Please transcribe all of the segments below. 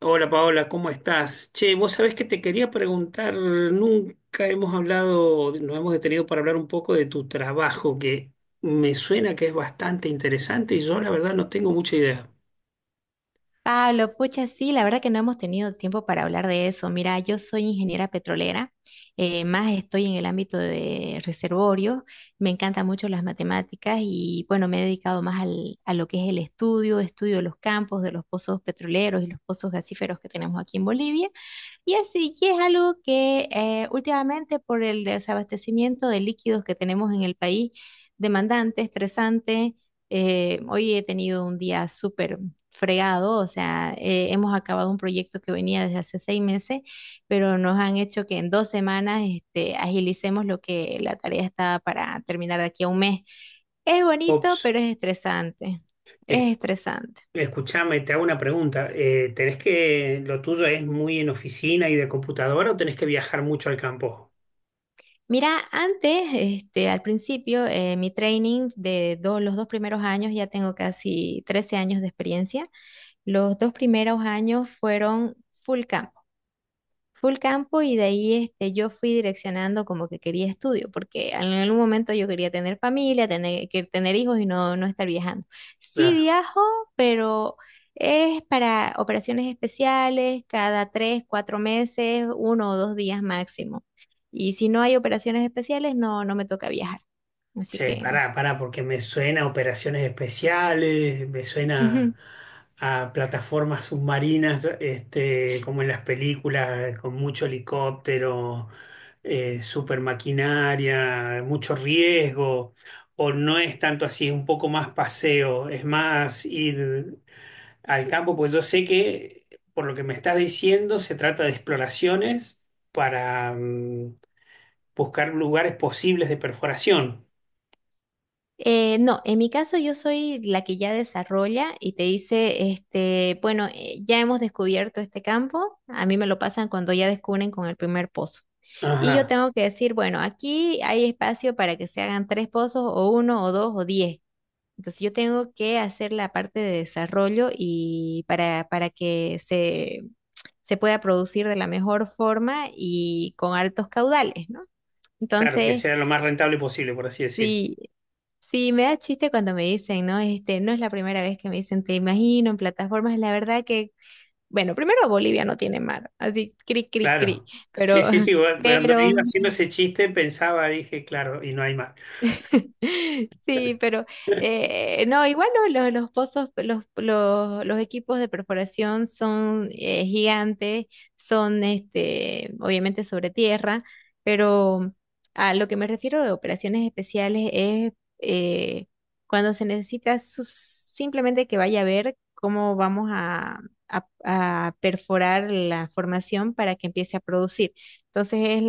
Hola Paola, ¿cómo estás? Che, vos sabés que te quería preguntar, nunca hemos hablado, nos hemos detenido para hablar un poco de tu trabajo, que me suena que es bastante interesante y yo la verdad no tengo mucha idea. Pablo, pucha, sí, la verdad que no hemos tenido tiempo para hablar de eso. Mira, yo soy ingeniera petrolera, más estoy en el ámbito de reservorio. Me encantan mucho las matemáticas y bueno, me he dedicado más a lo que es el estudio, estudio de los campos, de los pozos petroleros y los pozos gasíferos que tenemos aquí en Bolivia. Y así, y es algo que últimamente, por el desabastecimiento de líquidos que tenemos en el país, demandante, estresante, hoy he tenido un día súper fregado. O sea, hemos acabado un proyecto que venía desde hace 6 meses, pero nos han hecho que en 2 semanas este, agilicemos lo que la tarea estaba para terminar de aquí a 1 mes. Es bonito, Ops, pero es estresante. es- Es estresante. escuchame, te hago una pregunta. ¿Tenés que, lo tuyo es muy en oficina y de computadora o tenés que viajar mucho al campo? Mira, antes, este, al principio, mi training los 2 primeros años, ya tengo casi 13 años de experiencia, los 2 primeros años fueron full camp full campo. Y de ahí este, yo fui direccionando como que quería estudio, porque en algún momento yo quería tener familia, tener, que tener hijos y no, no estar viajando. Sí viajo, pero es para operaciones especiales, cada 3, 4 meses, 1 o 2 días máximo. Y si no hay operaciones especiales, no, no me toca viajar. Así Che, que... pará, pará, porque me suena a operaciones especiales, me suena Ujú. a plataformas submarinas, este, como en las películas, con mucho helicóptero, super maquinaria, mucho riesgo, o no es tanto así, es un poco más paseo, es más ir al campo, pues yo sé que, por lo que me estás diciendo, se trata de exploraciones para buscar lugares posibles de perforación. No, en mi caso yo soy la que ya desarrolla y te dice, este, bueno, ya hemos descubierto este campo, a mí me lo pasan cuando ya descubren con el primer pozo. Y yo Ajá. tengo que decir, bueno, aquí hay espacio para que se hagan 3 pozos o uno o dos o 10. Entonces yo tengo que hacer la parte de desarrollo y para que se pueda producir de la mejor forma y con altos caudales, ¿no? Claro, que Entonces, sea lo más rentable posible, por así decir. sí. Sí, me da chiste cuando me dicen, ¿no? Este, no es la primera vez que me dicen, te imagino en plataformas. La verdad que, bueno, primero Bolivia no tiene mar, así cri, cri, cri, Claro. Sí, pero, sí, sí, bueno, cuando pero iba haciendo ese chiste pensaba, dije, claro, y no hay más. sí, pero no, igual los pozos, los equipos de perforación son gigantes, son este, obviamente sobre tierra, pero a lo que me refiero de operaciones especiales es eh, cuando se necesita simplemente que vaya a ver cómo vamos a, a perforar la formación para que empiece a producir. Entonces es,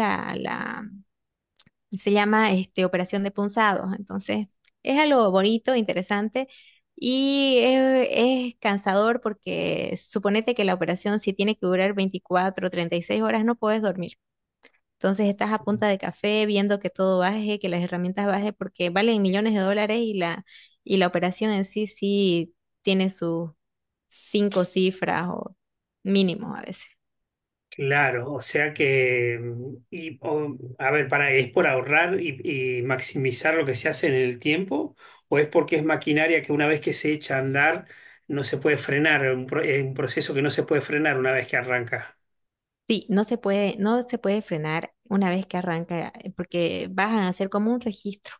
se llama este, Operación de Punzados. Entonces, es algo bonito, interesante, y es cansador, porque suponete que la operación si tiene que durar 24, 36 horas, no puedes dormir. Entonces estás a punta de café viendo que todo baje, que las herramientas baje porque valen millones de dólares, y la operación en sí sí tiene sus cinco cifras o mínimo a veces. Claro, o sea que, a ver, para, ¿es por ahorrar y maximizar lo que se hace en el tiempo? ¿O es porque es maquinaria que una vez que se echa a andar no se puede frenar? Un proceso que no se puede frenar una vez que arranca. Sí, no se puede, no se puede frenar una vez que arranca, porque vas a hacer como un registro.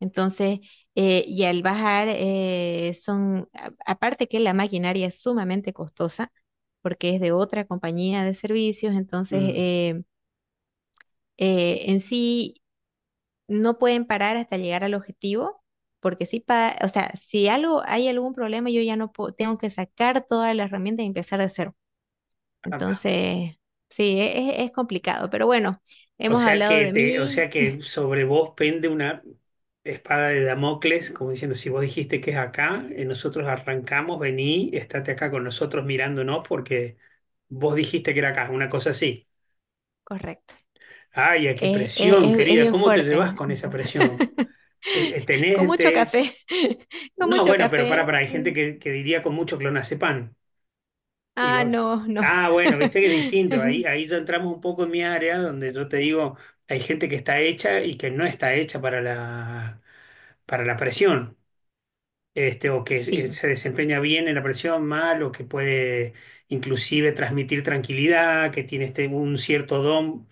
Entonces, y al bajar son, aparte que la maquinaria es sumamente costosa, porque es de otra compañía de servicios. Entonces Mm, en sí no pueden parar hasta llegar al objetivo, porque si, o sea, si algo, hay algún problema, yo ya no puedo, tengo que sacar todas las herramientas y empezar de cero. Entonces, sí, es complicado, pero bueno, O hemos sea hablado que de te, o mí. sea que sobre vos pende una espada de Damocles, como diciendo, si vos dijiste que es acá, nosotros arrancamos, vení, estate acá con nosotros mirándonos porque vos dijiste que era acá, una cosa así. Correcto. Ay, ay, qué presión, Es querida, bien ¿cómo te llevas fuerte. con esa presión? Eh, eh, Con Tenés, mucho te- café, con No, mucho bueno, pero café. para, hay gente que diría con mucho clonazepam. Y Ah, vos, no, no. ah, bueno, viste que es distinto. Ahí, ahí ya entramos un poco en mi área donde yo te digo, hay gente que está hecha y que no está hecha para la presión, este, o que se Sí, se desempeña bien en la presión, mal, o que puede inclusive transmitir tranquilidad, que tiene este, un cierto don,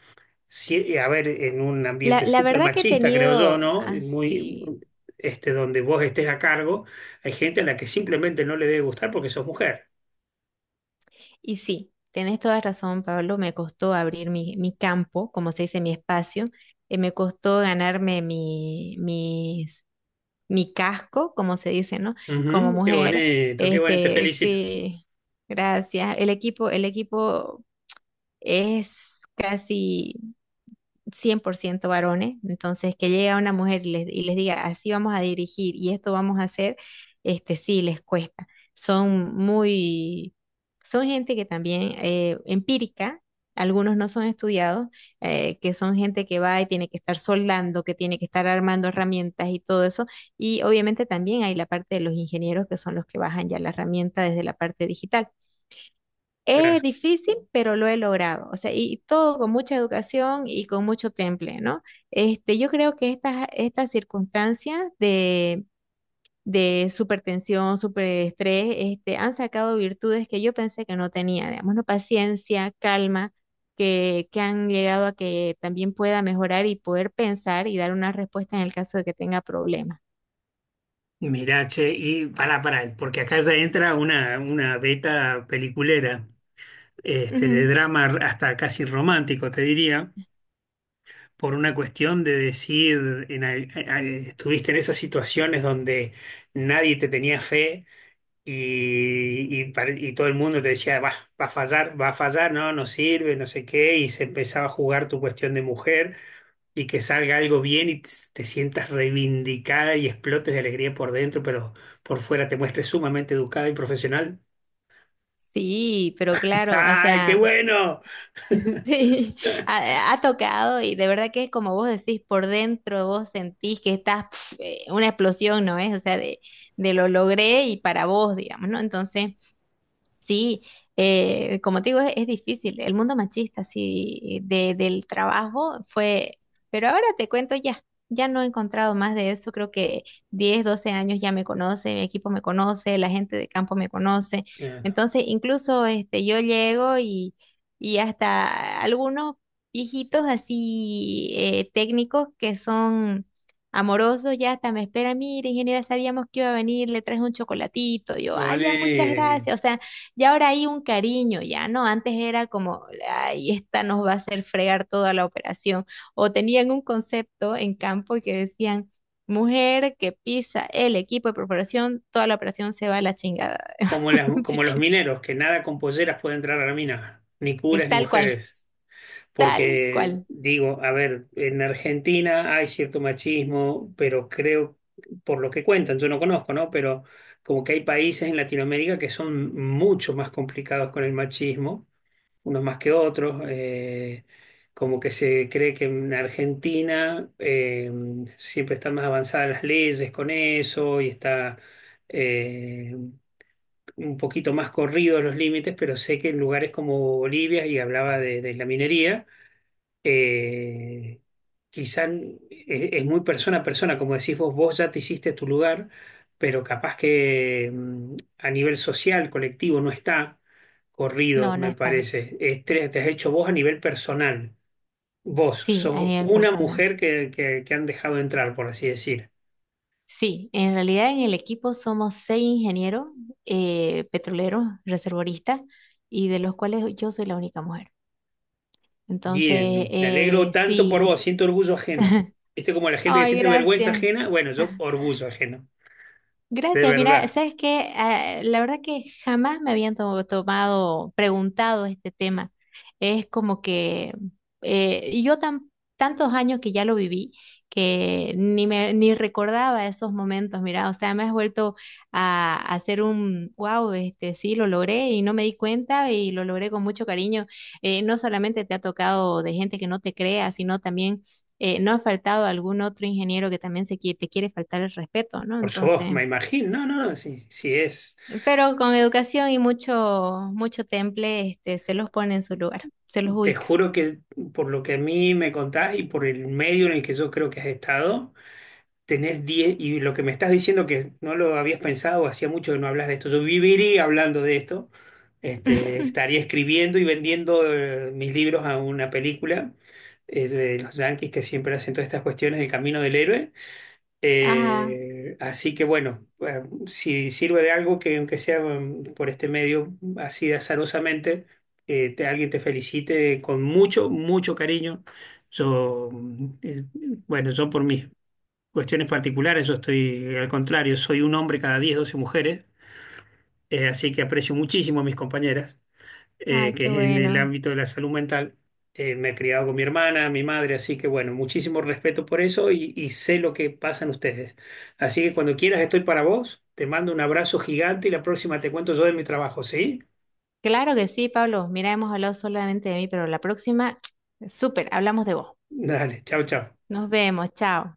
sí a ver, en un ambiente la súper verdad que he machista, creo yo, tenido ¿no? Muy, así. este, donde vos estés a cargo, hay gente a la que simplemente no le debe gustar porque sos mujer. Y sí, tenés toda razón, Pablo. Me costó abrir mi, mi campo, como se dice, mi espacio. Me costó ganarme mi casco, como se dice, ¿no? Como Ujú, mujer. Qué bonito, te Este, felicito. sí, gracias. El equipo es casi 100% varones, entonces que llegue una mujer y les diga, así vamos a dirigir y esto vamos a hacer, este sí les cuesta. Son muy, son gente que también empírica, algunos no son estudiados, que son gente que va y tiene que estar soldando, que tiene que estar armando herramientas y todo eso. Y obviamente también hay la parte de los ingenieros que son los que bajan ya la herramienta desde la parte digital. Claro. Es difícil, pero lo he logrado. O sea, y todo con mucha educación y con mucho temple, ¿no? Este, yo creo que estas, estas circunstancias de supertensión, superestrés, este, han sacado virtudes que yo pensé que no tenía, digamos, ¿no? Paciencia, calma, que han llegado a que también pueda mejorar y poder pensar y dar una respuesta en el caso de que tenga problemas. Mirá, che, y pará, pará, porque acá ya entra una beta peliculera, este, de Ujú. drama hasta casi romántico, te diría, por una cuestión de decir, estuviste en esas situaciones donde nadie te tenía fe y, y todo el mundo te decía, va, va a fallar, no, no sirve, no sé qué, y se empezaba a jugar tu cuestión de mujer y que salga algo bien y te sientas reivindicada y explotes de alegría por dentro, pero por fuera te muestres sumamente educada y profesional. Sí, pero claro, o ¡Ay, qué sea. bueno! Sí, ha, ha tocado, y de verdad que como vos decís, por dentro vos sentís que estás, pf, una explosión, ¿no es? O sea, de lo logré y para vos, digamos, ¿no? Entonces... Sí, como te digo, es difícil. El mundo machista, sí, de, del trabajo fue, pero ahora te cuento ya, ya no he encontrado más de eso. Creo que 10, 12 años ya me conoce, mi equipo me conoce, la gente de campo me conoce. Claro. Entonces, incluso este, yo llego y hasta algunos viejitos así técnicos que son amoroso, ya hasta me espera, mire, ingeniera, sabíamos que iba a venir, le traes un chocolatito, yo, ay, ya, muchas Pone- gracias, o sea, y ahora hay un cariño, ya, ¿no? Antes era como, ay, esta nos va a hacer fregar toda la operación. O tenían un concepto en campo que decían, mujer que pisa el equipo de perforación, toda la operación se va a la chingada. como, Así como los mineros, que nada con polleras puede entrar a la mina, ni que curas ni tal cual, mujeres. tal cual. Porque digo, a ver, en Argentina hay cierto machismo, pero creo, por lo que cuentan, yo no conozco, ¿no? Pero como que hay países en Latinoamérica que son mucho más complicados con el machismo, unos más que otros. Como que se cree que en Argentina siempre están más avanzadas las leyes con eso y está eh, un poquito más corridos los límites, pero sé que en lugares como Bolivia, y hablaba de la minería, eh, quizá es, muy persona a persona, como decís vos, vos ya te hiciste tu lugar, pero capaz que a nivel social, colectivo, no está corrido, No, no me está. parece. Es, te has hecho vos a nivel personal. Vos Sí, a sos nivel una personal. mujer que, que han dejado entrar, por así decir. Sí, en realidad en el equipo somos 6 ingenieros petroleros, reservoristas, y de los cuales yo soy la única mujer. Entonces, Bien, me alegro tanto por sí. vos, siento orgullo ajeno. ¿Viste como la gente que Ay, siente vergüenza gracias. ajena? Bueno, yo orgullo ajeno, de Gracias, mira, verdad. sabes que la verdad que jamás me habían tomado, preguntado este tema. Es como que y yo tan, tantos años que ya lo viví, que ni me ni recordaba esos momentos, mira, o sea, me has vuelto a hacer un wow, este sí lo logré y no me di cuenta y lo logré con mucho cariño. No solamente te ha tocado de gente que no te crea, sino también no ha faltado algún otro ingeniero que también se, te quiere faltar el respeto, ¿no? Por su voz, Entonces. me imagino. No, no, no, sí, sí es. Pero con educación y mucho, mucho temple, este, se los pone en su lugar, se los Te ubica. juro que por lo que a mí me contás y por el medio en el que yo creo que has estado, tenés 10 y lo que me estás diciendo que no lo habías pensado, hacía mucho que no hablas de esto, yo viviría hablando de esto, este, estaría escribiendo y vendiendo mis libros a una película de los Yankees que siempre hacen todas estas cuestiones del camino del héroe. Ajá, Así que bueno, si sirve de algo que aunque sea por este medio así azarosamente, alguien te felicite con mucho, mucho cariño. Yo, bueno, yo por mis cuestiones particulares, yo estoy al contrario, soy un hombre cada 10, 12 mujeres, así que aprecio muchísimo a mis compañeras ay, que qué es en el bueno. ámbito de la salud mental. Me he criado con mi hermana, mi madre, así que bueno, muchísimo respeto por eso y sé lo que pasan ustedes. Así que cuando quieras estoy para vos, te mando un abrazo gigante y la próxima te cuento yo de mi trabajo, ¿sí? Claro que sí, Pablo. Mira, hemos hablado solamente de mí, pero la próxima, súper, hablamos de vos. Dale, chao, chao. Nos vemos, chao.